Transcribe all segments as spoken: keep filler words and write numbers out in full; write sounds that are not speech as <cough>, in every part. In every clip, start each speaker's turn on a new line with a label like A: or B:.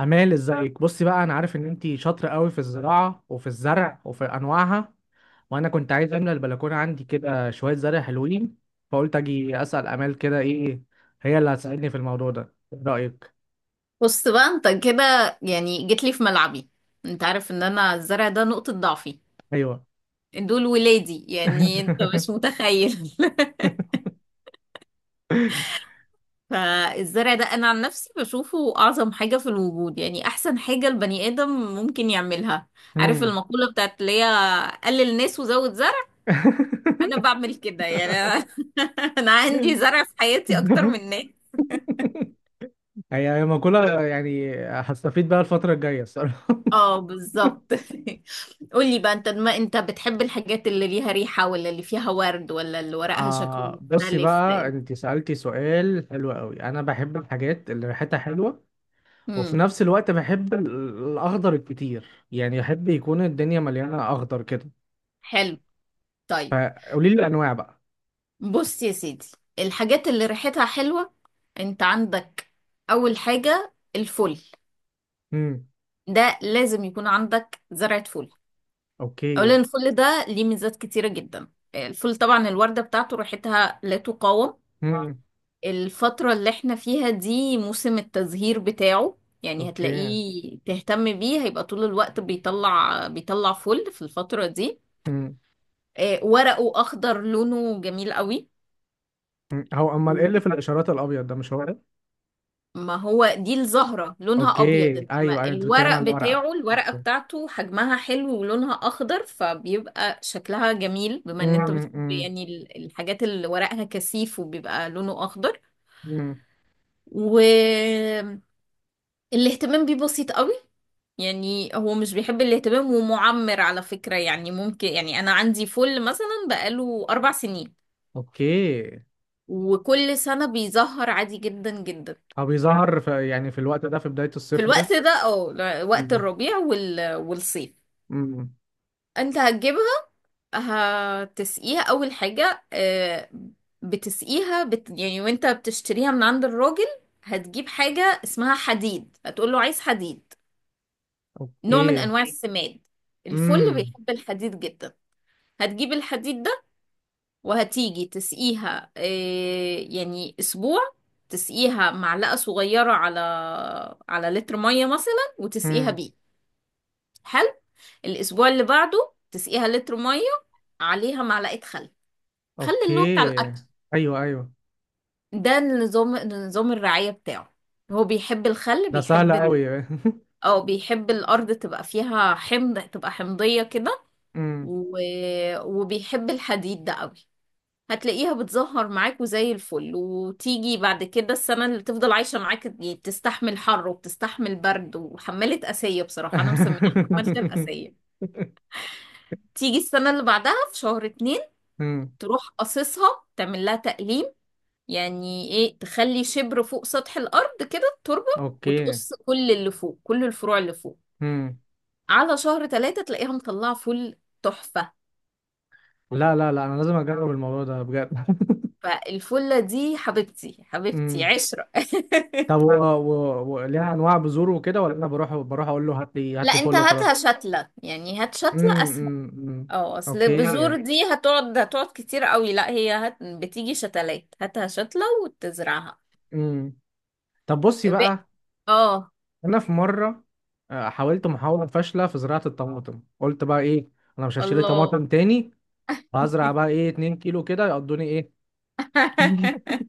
A: امال ازيك؟ بصي بقى، انا عارف ان انتي شاطره قوي في الزراعه وفي الزرع وفي انواعها، وانا كنت عايز املى البلكونه عندي كده شويه زرع حلوين. فقلت اجي اسال امال كده، ايه؟ هي اللي هتساعدني في الموضوع ده. ايه رايك؟
B: بص بقى، انت كده، يعني جيت لي في ملعبي. انت عارف ان انا الزرع ده نقطة ضعفي،
A: ايوه.
B: دول ولادي، يعني انت مش
A: <laughs>
B: متخيل. <laughs> فالزرع ده انا عن نفسي بشوفه اعظم حاجة في الوجود، يعني احسن حاجة البني ادم ممكن يعملها. عارف
A: مم.
B: المقولة بتاعت اللي هي قلل ناس وزود زرع، انا
A: <laughs>
B: بعمل كده يعني. <laughs> انا عندي زرع في حياتي اكتر من ناس.
A: هي هي مقولة، يعني هستفيد بقى الفترة الجاية الصراحة.
B: اه، بالظبط. <laughs> قولي بقى، انت ما انت بتحب الحاجات اللي ليها ريحة، ولا اللي فيها ورد، ولا اللي ورقها شكله
A: آه، بصي
B: مختلف،
A: بقى،
B: لان.
A: انت سألتي سؤال حلو قوي. انا بحب الحاجات اللي ريحتها حلوة، وفي
B: امم.
A: نفس الوقت بحب ال- الاخضر الكتير، يعني احب يكون الدنيا مليانه اخضر كده.
B: حلو. طيب.
A: فقولي لي الانواع بقى.
B: بص يا سيدي، الحاجات اللي ريحتها حلوة انت عندك، اول حاجة الفل.
A: امم.
B: ده لازم يكون عندك زرعة فل.
A: اوكي.
B: اولا الفل ده ليه ميزات كتيرة جدا. الفل طبعا الوردة بتاعته ريحتها لا تقاوم.
A: امم.
B: الفترة اللي احنا فيها دي موسم التزهير بتاعه، يعني
A: اوكي.
B: هتلاقيه تهتم بيه هيبقى طول الوقت بيطلع بيطلع فل في الفترة دي.
A: امم.
B: آه، ورقه أخضر لونه جميل قوي.
A: هو امال ايه اللي في الاشارات الابيض ده؟ مش هو ده؟
B: ما هو دي الزهرة لونها
A: اوكي،
B: أبيض،
A: ايوه
B: إنما
A: ايوه، انت بتتكلم
B: الورق
A: على الورقه.
B: بتاعه الورقة بتاعته حجمها حلو ولونها أخضر، فبيبقى شكلها جميل، بما إن أنت بتحب
A: امم.
B: يعني ال- الحاجات اللي ورقها كثيف وبيبقى لونه أخضر.
A: امم.
B: والاهتمام بيه بسيط قوي، يعني هو مش بيحب الاهتمام، ومعمر على فكرة، يعني ممكن، يعني أنا عندي فل مثلا بقاله أربع سنين،
A: اوكي.
B: وكل سنة بيزهر عادي جدا جدا.
A: هو بيظهر في، يعني في الوقت ده في بدايه
B: في
A: الصيف دايما؟
B: الوقت ده، أو ل- وقت
A: امم.
B: الربيع وال... والصيف.
A: امم.
B: أنت هتجيبها، هتسقيها أول حاجة. آه، بتسقيها بت... يعني وأنت بتشتريها من عند الراجل، هتجيب حاجة اسمها حديد، هتقول له عايز حديد، نوع من
A: اوكي.
B: أنواع السماد. الفل
A: امم.
B: بيحب الحديد جدا. هتجيب الحديد ده وهتيجي تسقيها إيه، يعني اسبوع. تسقيها معلقة صغيرة على على لتر مية مثلا، وتسقيها
A: امم.
B: بيه. حلو. الاسبوع اللي بعده تسقيها لتر مية، عليها معلقة خل، خل اللي هو بتاع
A: اوكي.
B: الاكل.
A: ايوه ايوه.
B: ده النظام، نظام الرعاية بتاعه. هو بيحب الخل،
A: ده سهل
B: بيحب ال...
A: قوي.
B: او بيحب الارض تبقى فيها حمض، تبقى حمضية كده.
A: <laughs>
B: و... وبيحب الحديد ده قوي. هتلاقيها بتزهر معاك وزي الفل، وتيجي بعد كده السنة اللي تفضل عايشة معاك، يعني بتستحمل حر وبتستحمل برد، وحمالة قاسية بصراحة، أنا مسميها حمالة
A: <laughs>
B: القاسية. تيجي السنة اللي بعدها في شهر اتنين
A: مم.
B: تروح قصصها، تعمل لها تقليم، يعني ايه، تخلي شبر فوق سطح الأرض كده التربة،
A: اوكي.
B: وتقص كل اللي فوق، كل الفروع اللي فوق.
A: مم.
B: على شهر تلاتة تلاقيها مطلعة فل تحفة.
A: لا لا لا، انا لازم اجرب الموضوع ده بجد. <laughs>
B: فالفلة دي حبيبتي، حبيبتي
A: مم.
B: عشرة.
A: طب،
B: <laughs>
A: و... و... و... ليها انواع بذور وكده، ولا انا بروح بروح اقول له هات لي هات
B: لا،
A: لي
B: انت
A: فل
B: هاتها
A: وخلاص؟
B: شتلة، يعني هات
A: مم.
B: شتلة اسهل.
A: مم. مم.
B: اه، اصل
A: اوكي.
B: بذور دي هتقعد هتقعد كتير قوي. لا، هي هت... بتيجي شتلات، هاتها شتلة وتزرعها.
A: مم. طب بصي
B: ب...
A: بقى،
B: اه.
A: انا في مره آه، حاولت محاوله فاشله في زراعه الطماطم. قلت بقى ايه، انا مش هشتري
B: الله.
A: طماطم تاني، وهزرع بقى ايه، 2 كيلو كده يقضوني، ايه؟ <laughs>
B: <laughs>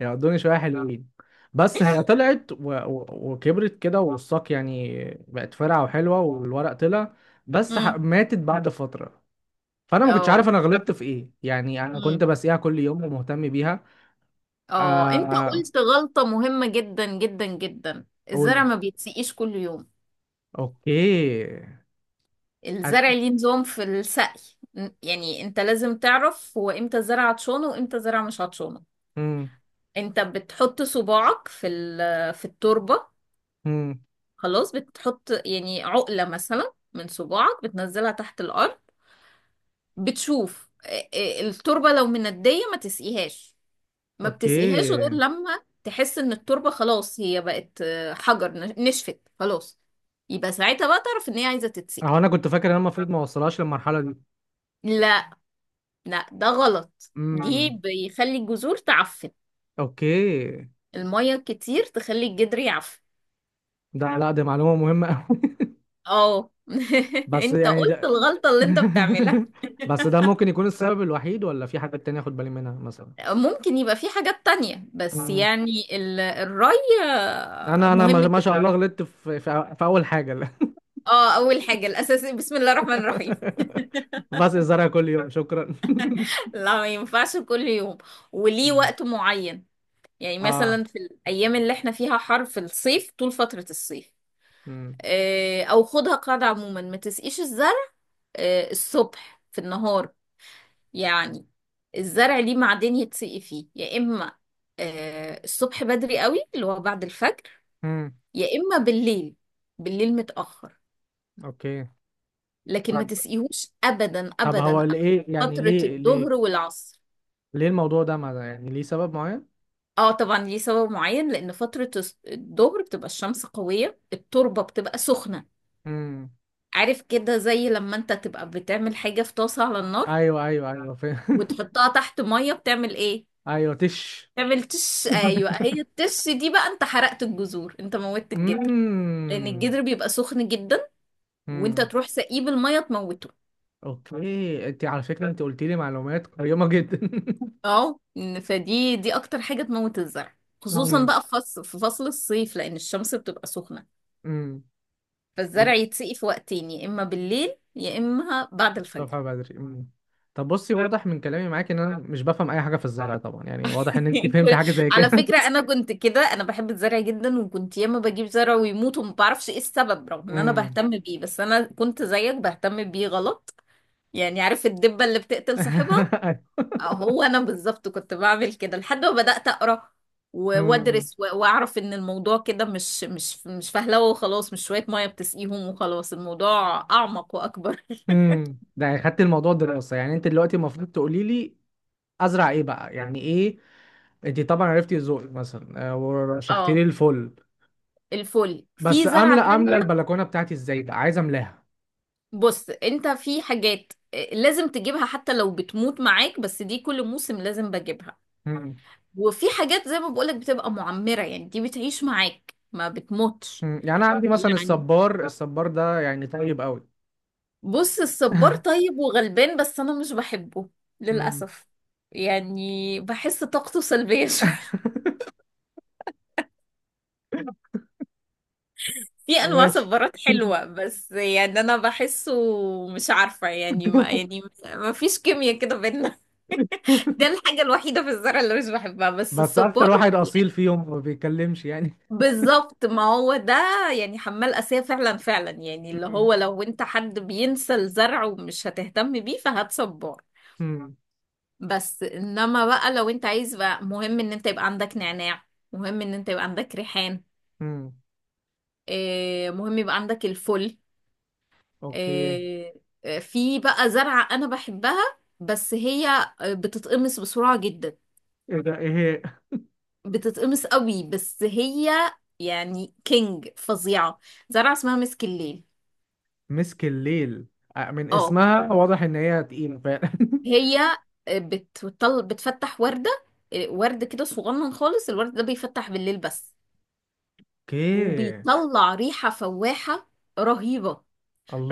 A: يقعدوني شوية حلوين. بس هي طلعت و... و... وكبرت كده، والساق يعني بقت فرعة وحلوة، والورق طلع، بس ح...
B: امم.
A: ماتت بعد فترة. فأنا ما كنتش
B: اه.
A: عارف أنا غلطت في إيه. يعني أنا كنت
B: امم.
A: بسقيها كل يوم ومهتم بيها.
B: اه، انت
A: آه...
B: قلت غلطة مهمة جدا جدا جدا.
A: أقول.
B: الزرع ما بيتسقيش كل يوم.
A: أوكي.
B: الزرع
A: أد...
B: ليه نظام في السقي. ن- يعني انت لازم تعرف هو امتى زرع هتشونه، وامتى زرع مش هتشونه.
A: مم.
B: انت بتحط صباعك في ال- في التربة،
A: مم.
B: خلاص. بتحط يعني عقلة مثلا من صباعك بتنزلها تحت الأرض، بتشوف اه، اه، التربة. لو مندية ما تسقيهاش، ما بتسقيهاش
A: أوكي.
B: غير لما تحس ان التربة خلاص هي بقت اه، حجر، نش- نشفت خلاص. يبقى ساعتها بقى تعرف ان هي عايزة تتسقي.
A: أهو أنا كنت فاكر إن أنا المفروض ما أوصلهاش للمرحلة دي.
B: لا، لا، ده غلط، دي
A: مم.
B: بيخلي الجذور تعفن.
A: أوكي.
B: المية كتير تخلي الجدر يعفن.
A: ده، لا دي معلومة مهمة أوي.
B: اه.
A: <laughs>
B: <laughs>
A: بس
B: انت
A: يعني
B: قلت
A: ده.
B: الغلطة اللي انت بتعملها.
A: <laughs> بس ده ممكن يكون السبب الوحيد، ولا في حاجات تانية اخد بالي منها مثلا؟
B: ممكن يبقى في حاجات تانية، بس
A: مم.
B: يعني ال- الري آه،
A: انا انا
B: مهم
A: ما ما شاء
B: جدا.
A: الله غلطت في في, في اول حاجة لا.
B: اه، اول حاجة الاساسي بسم الله الرحمن الرحيم.
A: <laughs> بس الزرع كل يوم، شكرا. <laughs>
B: <laughs> لا، ما ينفعش كل يوم، وليه
A: مم.
B: وقت معين. يعني
A: اه.
B: مثلا في الايام اللي احنا فيها حر في الصيف، طول فترة الصيف،
A: امم.
B: آه، او خدها قاعدة عموما، ما تسقيش الزرع آه، الصبح في النهار، يعني. الزرع ليه معدن يتسقي فيه، يا اما آه، الصبح بدري قوي، اللي هو بعد الفجر،
A: امم.
B: يا اما بالليل، بالليل متأخر.
A: اوكي.
B: لكن ما
A: طب،
B: تسقيهوش ابدا
A: طب
B: ابدا
A: هو
B: أبداً
A: ليه، يعني
B: فترة
A: ليه ليه
B: الظهر والعصر.
A: ليه الموضوع ده؟ ما يعني ليه سبب معين؟
B: اه، طبعا ليه سبب معين، لان فترة الس- الظهر بتبقى الشمس قوية، التربة بتبقى سخنة.
A: امم.
B: عارف كده، زي لما انت تبقى بتعمل حاجة في طاسة على النار،
A: ايوه ايوه ايوه، فاهم.
B: وتحطها تحت مية، بتعمل ايه؟
A: <laughs> ايوه، تش.
B: تعمل تش،
A: <laughs>
B: ايوه. هي التش دي بقى، انت حرقت الجذور، انت موتت الجدر، لان الجدر بيبقى سخن جدا، وانت
A: امم.
B: تروح سقيه بالمية تموته.
A: اوكي، انت على فكره انت قلت لي معلومات قيمه جدا. <laughs>
B: اه، فدي دي اكتر حاجة تموت الزرع، خصوصا
A: امم.
B: بقى في فصل في فصل الصيف، لان الشمس بتبقى سخنة.
A: امم. طب،
B: فالزرع يتسقي في وقتين، يا اما بالليل، يا اما بعد الفجر.
A: الصبح بدري. امم. طب بصي، واضح من كلامي معاك ان انا مش بفهم اي حاجه في الزرع طبعا، يعني واضح ان انت
B: <laughs>
A: فهمت
B: كل-
A: حاجه زي
B: على
A: كده.
B: فكرة،
A: <laughs>
B: انا كنت كده. انا بحب الزرع جدا، وكنت ياما بجيب زرع ويموت وما بعرفش ايه السبب، رغم ان انا
A: امم.
B: بهتم بيه، بس انا كنت زيك بهتم بيه غلط. يعني عارف الدبة اللي بتقتل
A: <laughs>
B: صاحبها؟
A: أيوة.
B: هو انا بالظبط كنت بعمل كده، لحد ما بدأت أقرأ و-
A: امم.
B: وادرس و- واعرف ان الموضوع كده مش مش مش فهلوه وخلاص، مش شوية مية بتسقيهم وخلاص، الموضوع اعمق واكبر.
A: امم. ده يعني خدت الموضوع دراسه. يعني انت دلوقتي المفروض تقولي لي ازرع ايه بقى، يعني ايه؟ انت طبعا عرفتي ذوقي مثلا، آه،
B: <laughs>
A: ورشحتي لي
B: اه.
A: الفل.
B: الفل
A: بس
B: في
A: املى
B: زرعة
A: املى
B: تانية.
A: البلكونه بتاعتي ازاي؟ بقى عايز املاها.
B: بص، انت في حاجات آه، لازم تجيبها حتى لو بتموت معاك، بس دي كل موسم لازم بجيبها. وفي حاجات زي ما بقولك بتبقى معمرة، يعني دي بتعيش معاك ما بتموتش.
A: مم. يعني انا عندي مثلا
B: يعني
A: الصبار، الصبار ده يعني طيب قوي.
B: بص الصبار طيب وغلبان، بس انا مش بحبه
A: مم.
B: للاسف. يعني بحس طاقته سلبية <laughs> شوية. في انواع
A: ماشي.
B: صبارات حلوة، بس يعني انا بحسه، مش عارفة يعني، ما
A: <laughs>
B: يعني ما فيش كيمياء كده بينا. <laughs> ده الحاجة الوحيدة في الزرع اللي مش بحبها بس
A: بس اكتر
B: الصبار.
A: واحد
B: يعني
A: اصيل فيهم، ما بيتكلمش يعني.
B: بالظبط، ما هو ده، يعني حمال أسية فعلا فعلا، يعني اللي
A: مم.
B: هو لو انت حد بينسى الزرع ومش هتهتم بيه فهات صبار.
A: مم.
B: بس انما بقى لو انت عايز بقى، مهم ان انت يبقى عندك نعناع، مهم ان انت يبقى عندك ريحان،
A: مم.
B: آه، مهم يبقى عندك الفل.
A: اوكي.
B: آه، آه، في بقى زرعة انا بحبها، بس هي آه، بتتقمص بسرعة جدا.
A: ايه ده؟ ايه هي؟
B: بتتقمص قوي بس هي، يعني كينج فظيعة. زرعة اسمها مسك الليل.
A: مسك الليل. آه، من
B: اه.
A: اسمها واضح ان هي تقيلة فعلا. <laughs>
B: هي آه، بتطل بتفتح وردة، آه، ورد كده صغنن خالص. الورد ده بيفتح بالليل بس،
A: اوكي.
B: وبيطلع ريحة فواحة رهيبة،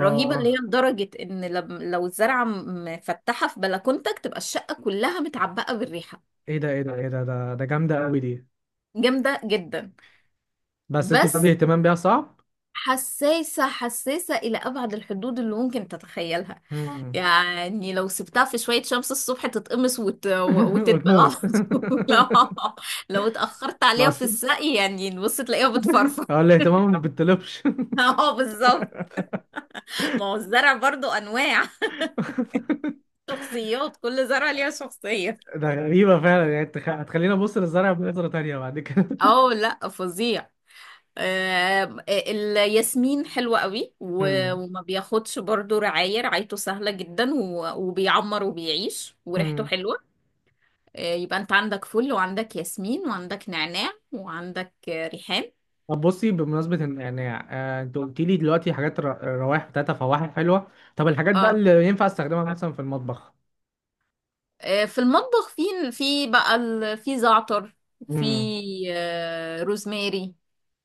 B: رهيبة اللي هي لدرجة ان لم- لو الزرعة مفتحة في بلكونتك تبقى الشقة كلها متعبقة بالريحة.
A: ايه ده ايه ده ايه ده، ده ده جامدة قوي دي.
B: جامدة جدا.
A: بس انت بتقولي
B: بس
A: اهتمام بيها صعب.
B: حساسة حساسة إلى أبعد الحدود اللي ممكن تتخيلها.
A: مم.
B: يعني لو سبتها في شوية شمس الصبح تتقمص وت...
A: <laughs>
B: وتدبل على
A: وتموت.
B: طول. <laughs> لا،
A: <laughs>
B: لو اتأخرت عليها في
A: بس
B: السقي يعني بص تلاقيها بتفرفر.
A: هو الاهتمام ما بتطلبش.
B: <laughs> اه، بالظبط. ما هو الزرع برضو أنواع،
A: <laughs>
B: شخصيات، كل زرعة ليها شخصية.
A: ده غريبة فعلا. يعني انت خ- هتخليني ابص للزرع بنظرة تانية بعد كده.
B: اه، لا، فظيع. آه، الياسمين حلوة قوي،
A: <laughs>
B: و-
A: مم.
B: وما بياخدش برضو رعاية، رعايته سهلة جدا، و- وبيعمر وبيعيش وريحته
A: مم.
B: حلوة. آه، يبقى انت عندك فل، وعندك ياسمين، وعندك نعناع، وعندك آه، ريحان.
A: طب بصي، بمناسبة إن- يعني، آه، انت قلت لي دلوقتي حاجات ر- روائح بتاعتها فواحح حلوة. طب الحاجات بقى
B: اه.
A: اللي ينفع استخدمها مثلا في المطبخ؟
B: آه، في المطبخ، في في بقى ال- في زعتر، في
A: مم.
B: آه، روزماري،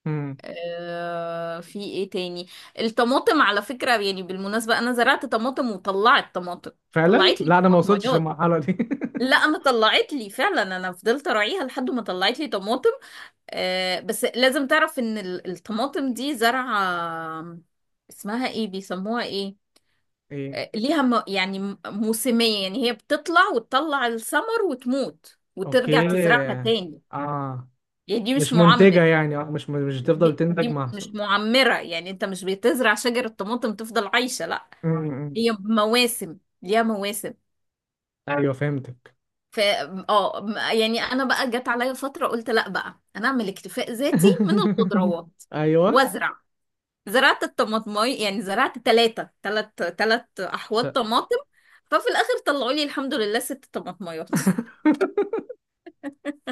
A: مم.
B: آه، في ايه تاني. الطماطم، على فكرة، يعني بالمناسبة، انا زرعت طماطم وطلعت طماطم،
A: فعلا،
B: طلعت لي
A: لا انا ما وصلتش
B: طماطميات.
A: للمرحلة دي. <laughs>
B: لا، انا طلعت لي فعلا، انا فضلت اراعيها لحد ما طلعت لي طماطم. آه، بس لازم تعرف ان ال- الطماطم دي زرعة آه، اسمها ايه، بيسموها ايه.
A: ايه.
B: آه، ليها م... يعني م- موسمية، يعني هي بتطلع وتطلع الثمر وتموت، وترجع
A: اوكي.
B: تزرعها تاني.
A: اه.
B: يعني دي مش
A: مش منتجة
B: معمر،
A: يعني. اه، مش مش بتفضل
B: دي,
A: تنتج
B: دي مش
A: محصول.
B: معمرة، يعني انت مش بتزرع شجر الطماطم تفضل عايشة، لا،
A: مم.
B: هي مواسم، ليها مواسم.
A: ايوه، فهمتك.
B: ف اه م- يعني انا بقى جت عليا فترة قلت لا بقى انا اعمل اكتفاء ذاتي من
A: <laughs>
B: الخضروات،
A: ايوه.
B: وازرع. زرعت الطماطماي، يعني زرعت ثلاثة ثلاث ثلاث
A: ش-
B: احواض طماطم، ففي الاخر طلعوا لي الحمد لله ست طماطمايات. <laughs>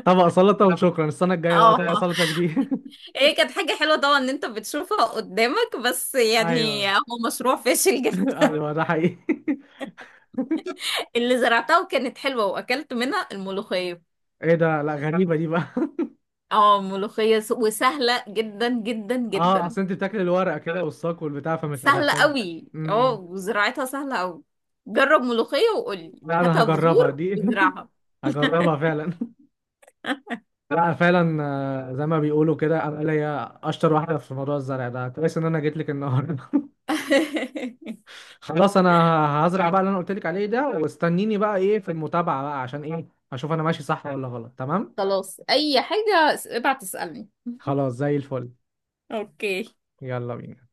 A: طبق سلطة وشكرا. السنة الجاية بقى طبق
B: اه،
A: سلطة جديد. <laughs>
B: هي كانت حاجة حلوة طبعا ان انت بتشوفها قدامك، بس يعني
A: ايوه.
B: هو مشروع فاشل
A: <laughs>
B: جدا.
A: ايوه ده حقيقي. <laughs>
B: اللي زرعتها وكانت حلوة، واكلت منها الملوخية.
A: ايه ده؟ لا غريبه دي بقى.
B: اه، ملوخية س- وسهلة جدا جدا
A: <laughs> اه،
B: جدا،
A: اصل انت بتاكل الورقه كده والساق والبتاع، فمش
B: سهلة
A: هتحتاج.
B: قوي. اه
A: امم.
B: وزراعتها سهلة قوي. جرب ملوخية، وقولي
A: لا انا
B: هاتها
A: هجربها
B: بذور
A: دي. <laughs>
B: وزرعها.
A: هجربها فعلا. <laughs> لا فعلا. آه، زي ما بيقولوا كده، انا ليا اشطر واحده في موضوع الزرع ده. كويس ان انا جيت لك النهارده.
B: <laughs>
A: <laughs> خلاص انا هزرع بقى اللي انا قلت لك عليه ده، واستنيني بقى، ايه، في المتابعه بقى، عشان ايه، اشوف انا ماشي صح ولا غلط. تمام؟
B: خلاص، اي حاجة ابعت اسألني.
A: خلاص، زي الفل.
B: <laughs> اوكي.
A: يلا بينا.